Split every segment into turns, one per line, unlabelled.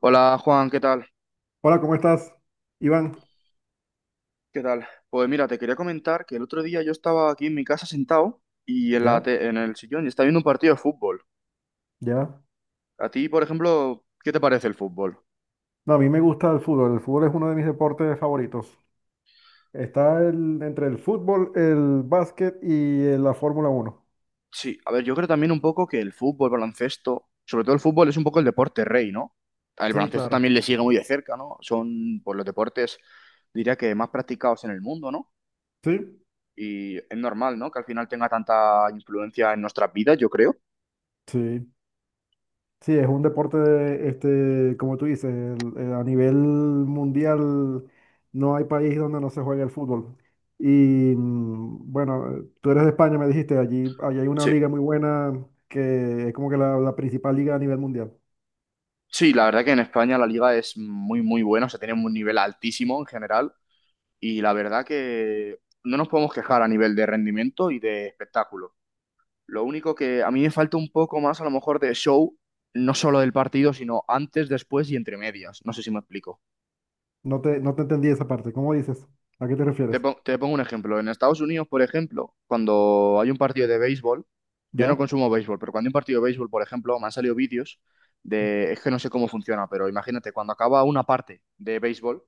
Hola Juan, ¿qué tal?
Hola, ¿cómo estás, Iván?
¿Qué tal? Pues mira, te quería comentar que el otro día yo estaba aquí en mi casa sentado y
Ya,
en el sillón y estaba viendo un partido de fútbol.
ya.
A ti, por ejemplo, ¿qué te parece el fútbol?
No, a mí me gusta el fútbol. El fútbol es uno de mis deportes favoritos. Está entre el fútbol, el básquet y la Fórmula Uno.
Sí, a ver, yo creo también un poco que el fútbol, baloncesto, sobre todo el fútbol es un poco el deporte rey, ¿no? El
Sí,
baloncesto
claro.
también le sigue muy de cerca, ¿no? Son, pues, los deportes, diría que más practicados en el mundo, ¿no?
Sí,
Y es normal, ¿no? Que al final tenga tanta influencia en nuestras vidas, yo creo.
sí. Sí, es un deporte, este, como tú dices, a nivel mundial no hay país donde no se juegue el fútbol. Y bueno, tú eres de España, me dijiste, allí, allí hay una
Sí.
liga muy buena que es como que la principal liga a nivel mundial.
Sí, la verdad que en España la liga es muy, muy buena, o sea, tiene un nivel altísimo en general y la verdad que no nos podemos quejar a nivel de rendimiento y de espectáculo. Lo único que a mí me falta un poco más a lo mejor de show, no solo del partido, sino antes, después y entre medias. No sé si me explico.
No te entendí esa parte. ¿Cómo dices? ¿A qué te
Te,
refieres?
pon- te pongo un ejemplo. En Estados Unidos, por ejemplo, cuando hay un partido de béisbol, yo no
¿Ya?
consumo béisbol, pero cuando hay un partido de béisbol, por ejemplo, me han salido vídeos de, es que no sé cómo funciona, pero imagínate, cuando acaba una parte de béisbol,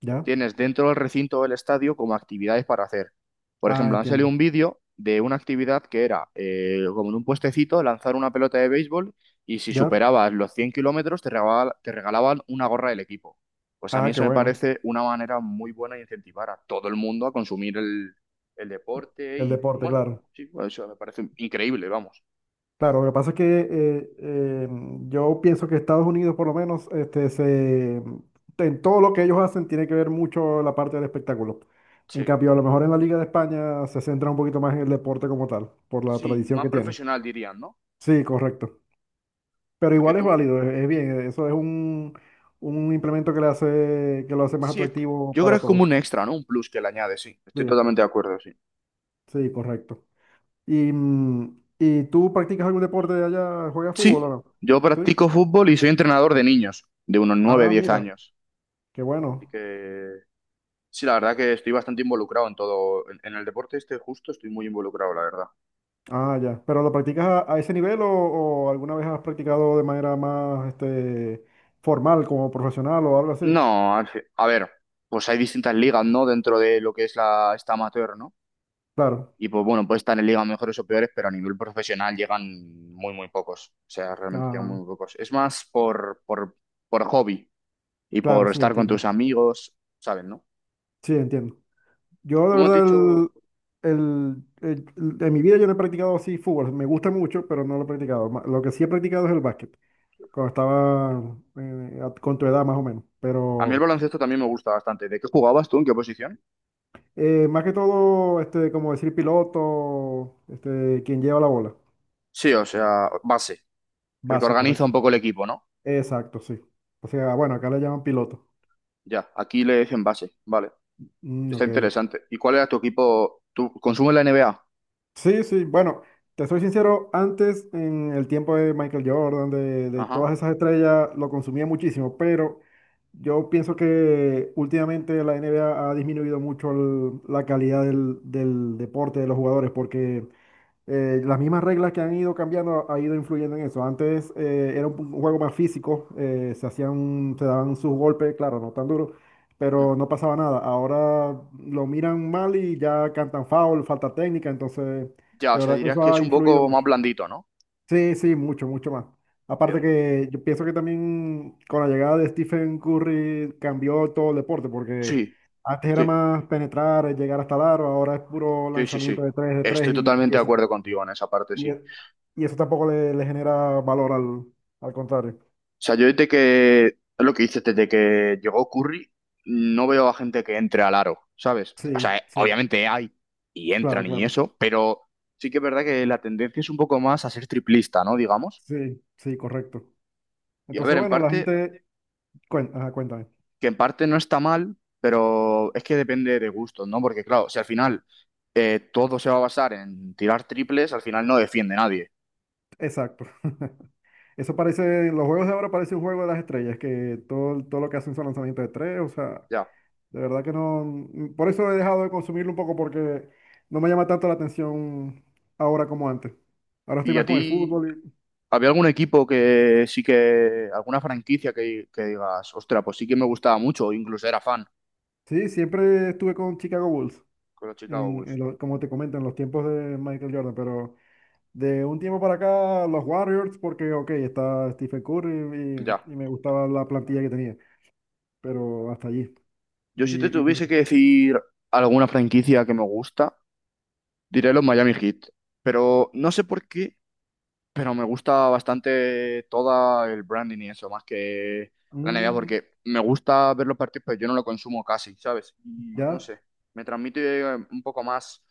¿Ya?
tienes dentro del recinto del estadio como actividades para hacer. Por
Ah,
ejemplo, han salido
entiendo.
un vídeo de una actividad que era como en un puestecito lanzar una pelota de béisbol y si
¿Ya?
superabas los 100 kilómetros te regalaban una gorra del equipo. Pues a mí
Ah, qué
eso me
bueno.
parece una manera muy buena de incentivar a todo el mundo a consumir el deporte
El
y
deporte,
bueno,
claro.
sí, pues eso me parece increíble, vamos.
Claro, lo que pasa es que yo pienso que Estados Unidos, por lo menos, este, se, en todo lo que ellos hacen tiene que ver mucho la parte del espectáculo. En
Sí,
cambio, a lo mejor en la Liga de España se centra un poquito más en el deporte como tal, por la
sí,
tradición
más
que tienen.
profesional dirían, ¿no?
Sí, correcto. Pero
Porque
igual es
tú,
válido, es bien. Eso es un implemento que le hace, que lo hace más
sí, es,
atractivo
yo creo que
para
es como
todos.
un extra, ¿no? Un plus que le añades. Sí. Estoy
Sí,
totalmente de acuerdo, sí.
sí, correcto. ¿Y tú practicas algún deporte allá? ¿Juegas fútbol o
Sí,
no?
yo
Sí.
practico fútbol y soy entrenador de niños, de unos nueve
Ah,
diez
mira,
años.
qué
Así
bueno.
que sí, la verdad que estoy bastante involucrado en todo, en el deporte este justo estoy muy involucrado, la verdad.
Ah, ya. ¿Pero lo practicas a ese nivel o alguna vez has practicado de manera más este, formal, como profesional o algo así?
No, a ver, pues hay distintas ligas, ¿no? Dentro de lo que es esta amateur, ¿no?
Claro.
Y pues bueno, puede estar en ligas mejores o peores, pero a nivel profesional llegan muy, muy pocos. O sea, realmente llegan
Ah,
muy, muy pocos. Es más por hobby y
claro,
por
sí,
estar con tus
entiendo.
amigos, ¿sabes, no?
Sí, entiendo. Yo
Tú
de
me has
verdad,
dicho...
en mi vida yo no he practicado así fútbol. Me gusta mucho, pero no lo he practicado. Lo que sí he practicado es el básquet. Cuando estaba con tu edad más o menos.
A mí el
Pero
baloncesto también me gusta bastante. ¿De qué jugabas tú? ¿En qué posición?
más que todo, este, como decir piloto, este, quien lleva la bola.
Sí, o sea, base. El que
Base,
organiza un
correcto.
poco el equipo, ¿no?
Exacto, sí. O sea, bueno, acá le llaman piloto.
Ya, aquí le dicen base. Vale.
Mm,
Está
ok.
interesante. ¿Y cuál era tu equipo? ¿Tú consumes la NBA?
Sí, sí, bueno, te soy sincero, antes en el tiempo de Michael Jordan, de
Ajá.
todas esas estrellas, lo consumía muchísimo, pero yo pienso que últimamente la NBA ha disminuido mucho la calidad del deporte de los jugadores, porque las mismas reglas que han ido cambiando ha ido influyendo en eso. Antes era un juego más físico, se hacían, se daban sus golpes, claro, no tan duros,
Mm.
pero no pasaba nada. Ahora lo miran mal y ya cantan foul, falta técnica, entonces
Ya, o
de
sea,
verdad que
dirías
eso
que es
ha
un
influido
poco más
mucho.
blandito, ¿no?
Sí, sí, mucho, mucho más. Aparte
Entiendo.
que yo pienso que también con la llegada de Stephen Curry cambió todo el deporte, porque
Sí,
antes era
sí,
más penetrar, llegar hasta el aro, ahora es puro
sí, sí,
lanzamiento
sí.
de tres
Estoy
y
totalmente de
eso
acuerdo contigo en esa parte,
y,
sí.
e- y eso tampoco le genera valor al contrario.
O sea, yo desde que, es lo que dices, desde que llegó Curry, no veo a gente que entre al aro, ¿sabes? O sea,
Sí, sí,
obviamente hay y
claro,
entran y
claro.
eso, pero sí que es verdad que la tendencia es un poco más a ser triplista, ¿no? Digamos.
Sí, sí, correcto.
Y a
Entonces,
ver, en
bueno, la
parte,
gente... ajá, cuéntame.
que en parte no está mal, pero es que depende de gustos, ¿no? Porque claro, si al final todo se va a basar en tirar triples, al final no defiende nadie,
Exacto. Eso parece, los juegos de ahora parece un juego de las estrellas, que todo lo que hacen son lanzamientos de tres, o sea,
ya.
de verdad que no, por eso he dejado de consumirlo un poco porque no me llama tanto la atención ahora como antes. Ahora estoy
¿Y a
más con el
ti
fútbol y,
¿Había algún equipo que sí que, alguna franquicia que digas, ostra, pues sí que me gustaba mucho, o incluso era fan
sí, siempre estuve con Chicago Bulls.
con los Chicago Bulls?
Como te comento, en los tiempos de Michael Jordan, pero de un tiempo para acá, los Warriors, porque, ok, está Stephen Curry
Ya.
y me gustaba la plantilla que tenía, pero hasta allí.
Yo si te
Y, y,
tuviese que decir alguna franquicia que me gusta, diré los Miami Heat. Pero no sé por qué, pero me gusta bastante toda el branding y eso, más que la NBA,
mm,
porque me gusta ver los partidos, pero yo no lo consumo casi, ¿sabes? Y no
ya,
sé, me transmite un poco más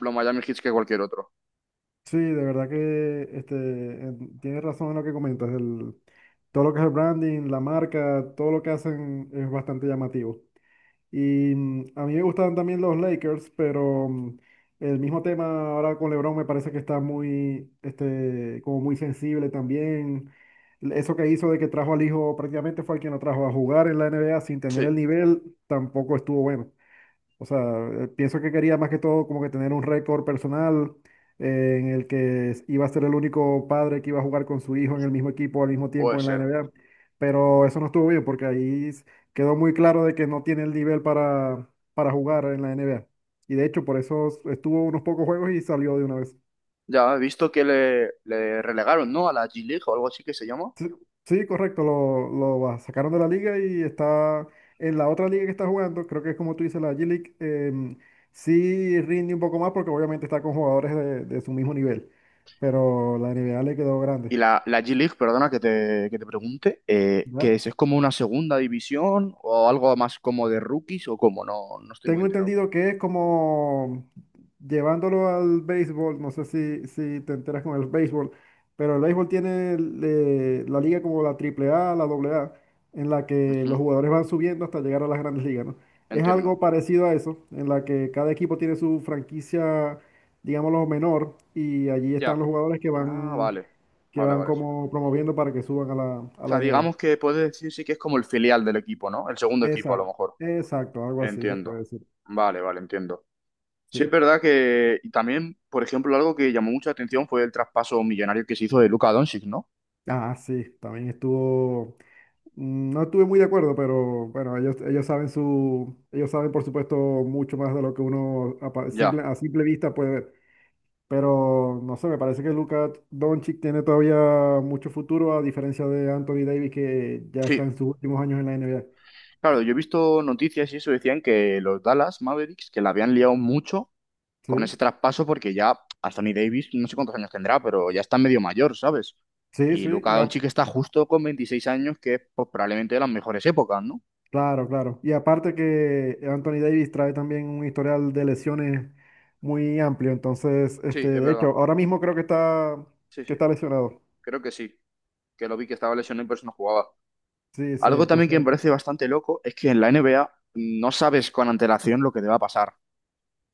los Miami Heat que cualquier otro.
sí, de verdad que este, tienes razón en lo que comentas, el, todo lo que es el branding, la marca, todo lo que hacen es bastante llamativo. Y a mí me gustaban también los Lakers, pero el mismo tema ahora con LeBron me parece que está muy, este, como muy sensible también. Eso que hizo de que trajo al hijo prácticamente fue el quien lo trajo a jugar en la NBA sin tener
Sí,
el nivel, tampoco estuvo bueno. O sea, pienso que quería más que todo como que tener un récord personal en el que iba a ser el único padre que iba a jugar con su hijo en el mismo equipo al mismo
puede
tiempo en la
ser.
NBA. Pero eso no estuvo bien porque ahí quedó muy claro de que no tiene el nivel para jugar en la NBA. Y de hecho, por eso estuvo unos pocos juegos y salió de una vez.
Ya he visto que le relegaron, ¿no? A la G-League o algo así que se llama.
Sí, sí, correcto, lo sacaron de la liga y está en la otra liga que está jugando, creo que es como tú dices, la G-League, sí rinde un poco más porque obviamente está con jugadores de su mismo nivel, pero la NBA le quedó grande.
Y la G-League, perdona que te pregunte, ¿qué
¿Ya?
es? ¿Es como una segunda división o algo más como de rookies o cómo? No, no estoy muy
Tengo
enterado.
entendido que es como llevándolo al béisbol, no sé si te enteras con el béisbol, pero el béisbol tiene la liga como la Triple A, la AA, en la que los
Ujú.
jugadores van subiendo hasta llegar a las grandes ligas, ¿no? Es
Entiendo.
algo parecido a eso, en la que cada equipo tiene su franquicia, digámoslo, menor, y allí están
Ya.
los jugadores
Ah, vale.
que
Vale,
van
vale, sí. O
como promoviendo para que suban a la
sea,
N. NBA.
digamos que puede decirse que es como el filial del equipo, ¿no? El segundo equipo, a lo
Exacto,
mejor.
exacto, algo así se puede
Entiendo.
decir.
Vale, vale, entiendo. Sí, es
Sí.
verdad que y también, por ejemplo, algo que llamó mucha atención fue el traspaso millonario que se hizo de Luka Doncic, ¿no?
Ah, sí, también estuvo, no estuve muy de acuerdo, pero bueno, ellos saben su, ellos saben por supuesto mucho más de lo que uno
Ya.
simple, a simple vista puede ver. Pero no sé, me parece que Luka Doncic tiene todavía mucho futuro, a diferencia de Anthony Davis, que ya está
Sí,
en sus últimos años en la NBA.
claro, yo he visto noticias y eso decían que los Dallas Mavericks, que la habían liado mucho con ese
Sí,
traspaso porque ya Anthony Davis, no sé cuántos años tendrá, pero ya está medio mayor, ¿sabes?
sí,
Y
sí,
Luka Doncic está justo con 26 años, que es pues, probablemente de las mejores épocas, ¿no?
claro, claro. Y aparte que Anthony Davis trae también un historial de lesiones muy amplio, entonces, este,
Sí, es
de hecho,
verdad.
ahora mismo creo
Sí,
que
sí.
está lesionado.
Creo que sí. Que lo vi que estaba lesionado y por eso no jugaba.
Sí, sí,
Algo también que me
entonces,
parece bastante loco es que en la NBA no sabes con antelación lo que te va a pasar.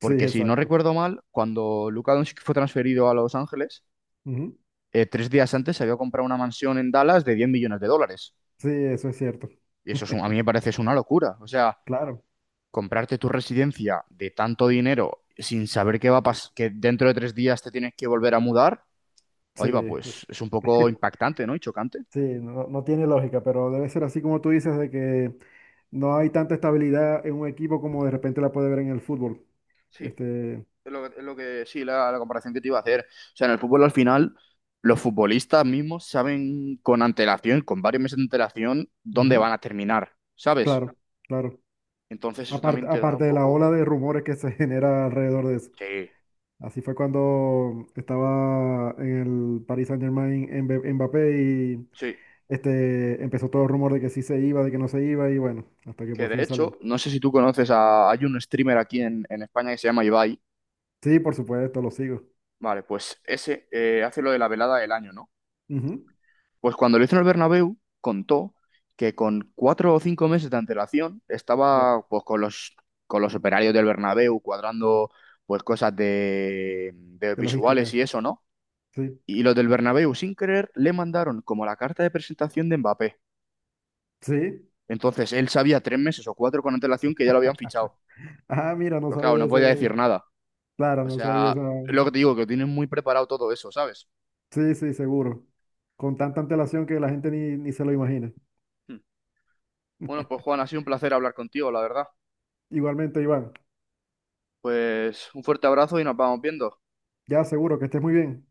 sí,
si no
exacto.
recuerdo mal, cuando Luka Doncic fue transferido a Los Ángeles,
Ujú.
3 días antes se había comprado una mansión en Dallas de 10 millones de dólares.
Sí, eso es cierto.
Y eso es a mí me parece es una locura. O sea,
Claro,
comprarte tu residencia de tanto dinero sin saber qué va a pasar, que dentro de 3 días te tienes que volver a mudar,
sí,
ahí va,
es-
pues es un poco impactante, ¿no? Y chocante.
sí, no, no tiene lógica, pero debe ser así como tú dices, de que no hay tanta estabilidad en un equipo como de repente la puede ver en el fútbol.
Sí,
Este,
es lo que sí, la comparación que te iba a hacer. O sea, en el fútbol al final, los futbolistas mismos saben con antelación, con varios meses de antelación, dónde
ujú,
van a terminar, ¿sabes?
claro, claro.
Entonces eso
Aparte,
también te da
aparte
un
de la ola
poco...
de rumores que se genera alrededor de eso.
Sí,
Así fue cuando estaba en el Paris Saint-Germain en Mbappé.
sí.
Este, empezó todo el rumor de que sí se iba, de que no se iba, y bueno, hasta que
Que
por
de
fin
hecho,
salió.
no sé si tú conoces a... Hay un streamer aquí en España que se llama Ibai.
Sí, por supuesto, lo sigo.
Vale, pues ese hace lo de la velada del año, ¿no?
Ujú,
Pues cuando lo hizo en el Bernabéu, contó que con 4 o 5 meses de antelación
ya.
estaba pues con los operarios del Bernabéu cuadrando pues cosas de
De
visuales
logística.
y eso, ¿no?
Sí.
Y los del Bernabéu, sin querer, le mandaron como la carta de presentación de Mbappé.
Sí.
Entonces él sabía 3 meses o 4 con antelación que ya lo habían fichado.
Ah, mira, no
Pero claro,
sabía
no podía decir
ese.
nada.
Claro,
O
no sabía
sea,
esa.
lo que te digo, que tienen muy preparado todo eso, ¿sabes?
Sí, sí, seguro. Con tanta antelación que la gente ni se lo imagina.
Hmm. Bueno, pues Juan, ha sido un placer hablar contigo, la verdad.
Igualmente, Iván,
Pues un fuerte abrazo y nos vamos viendo.
ya seguro que estés muy bien.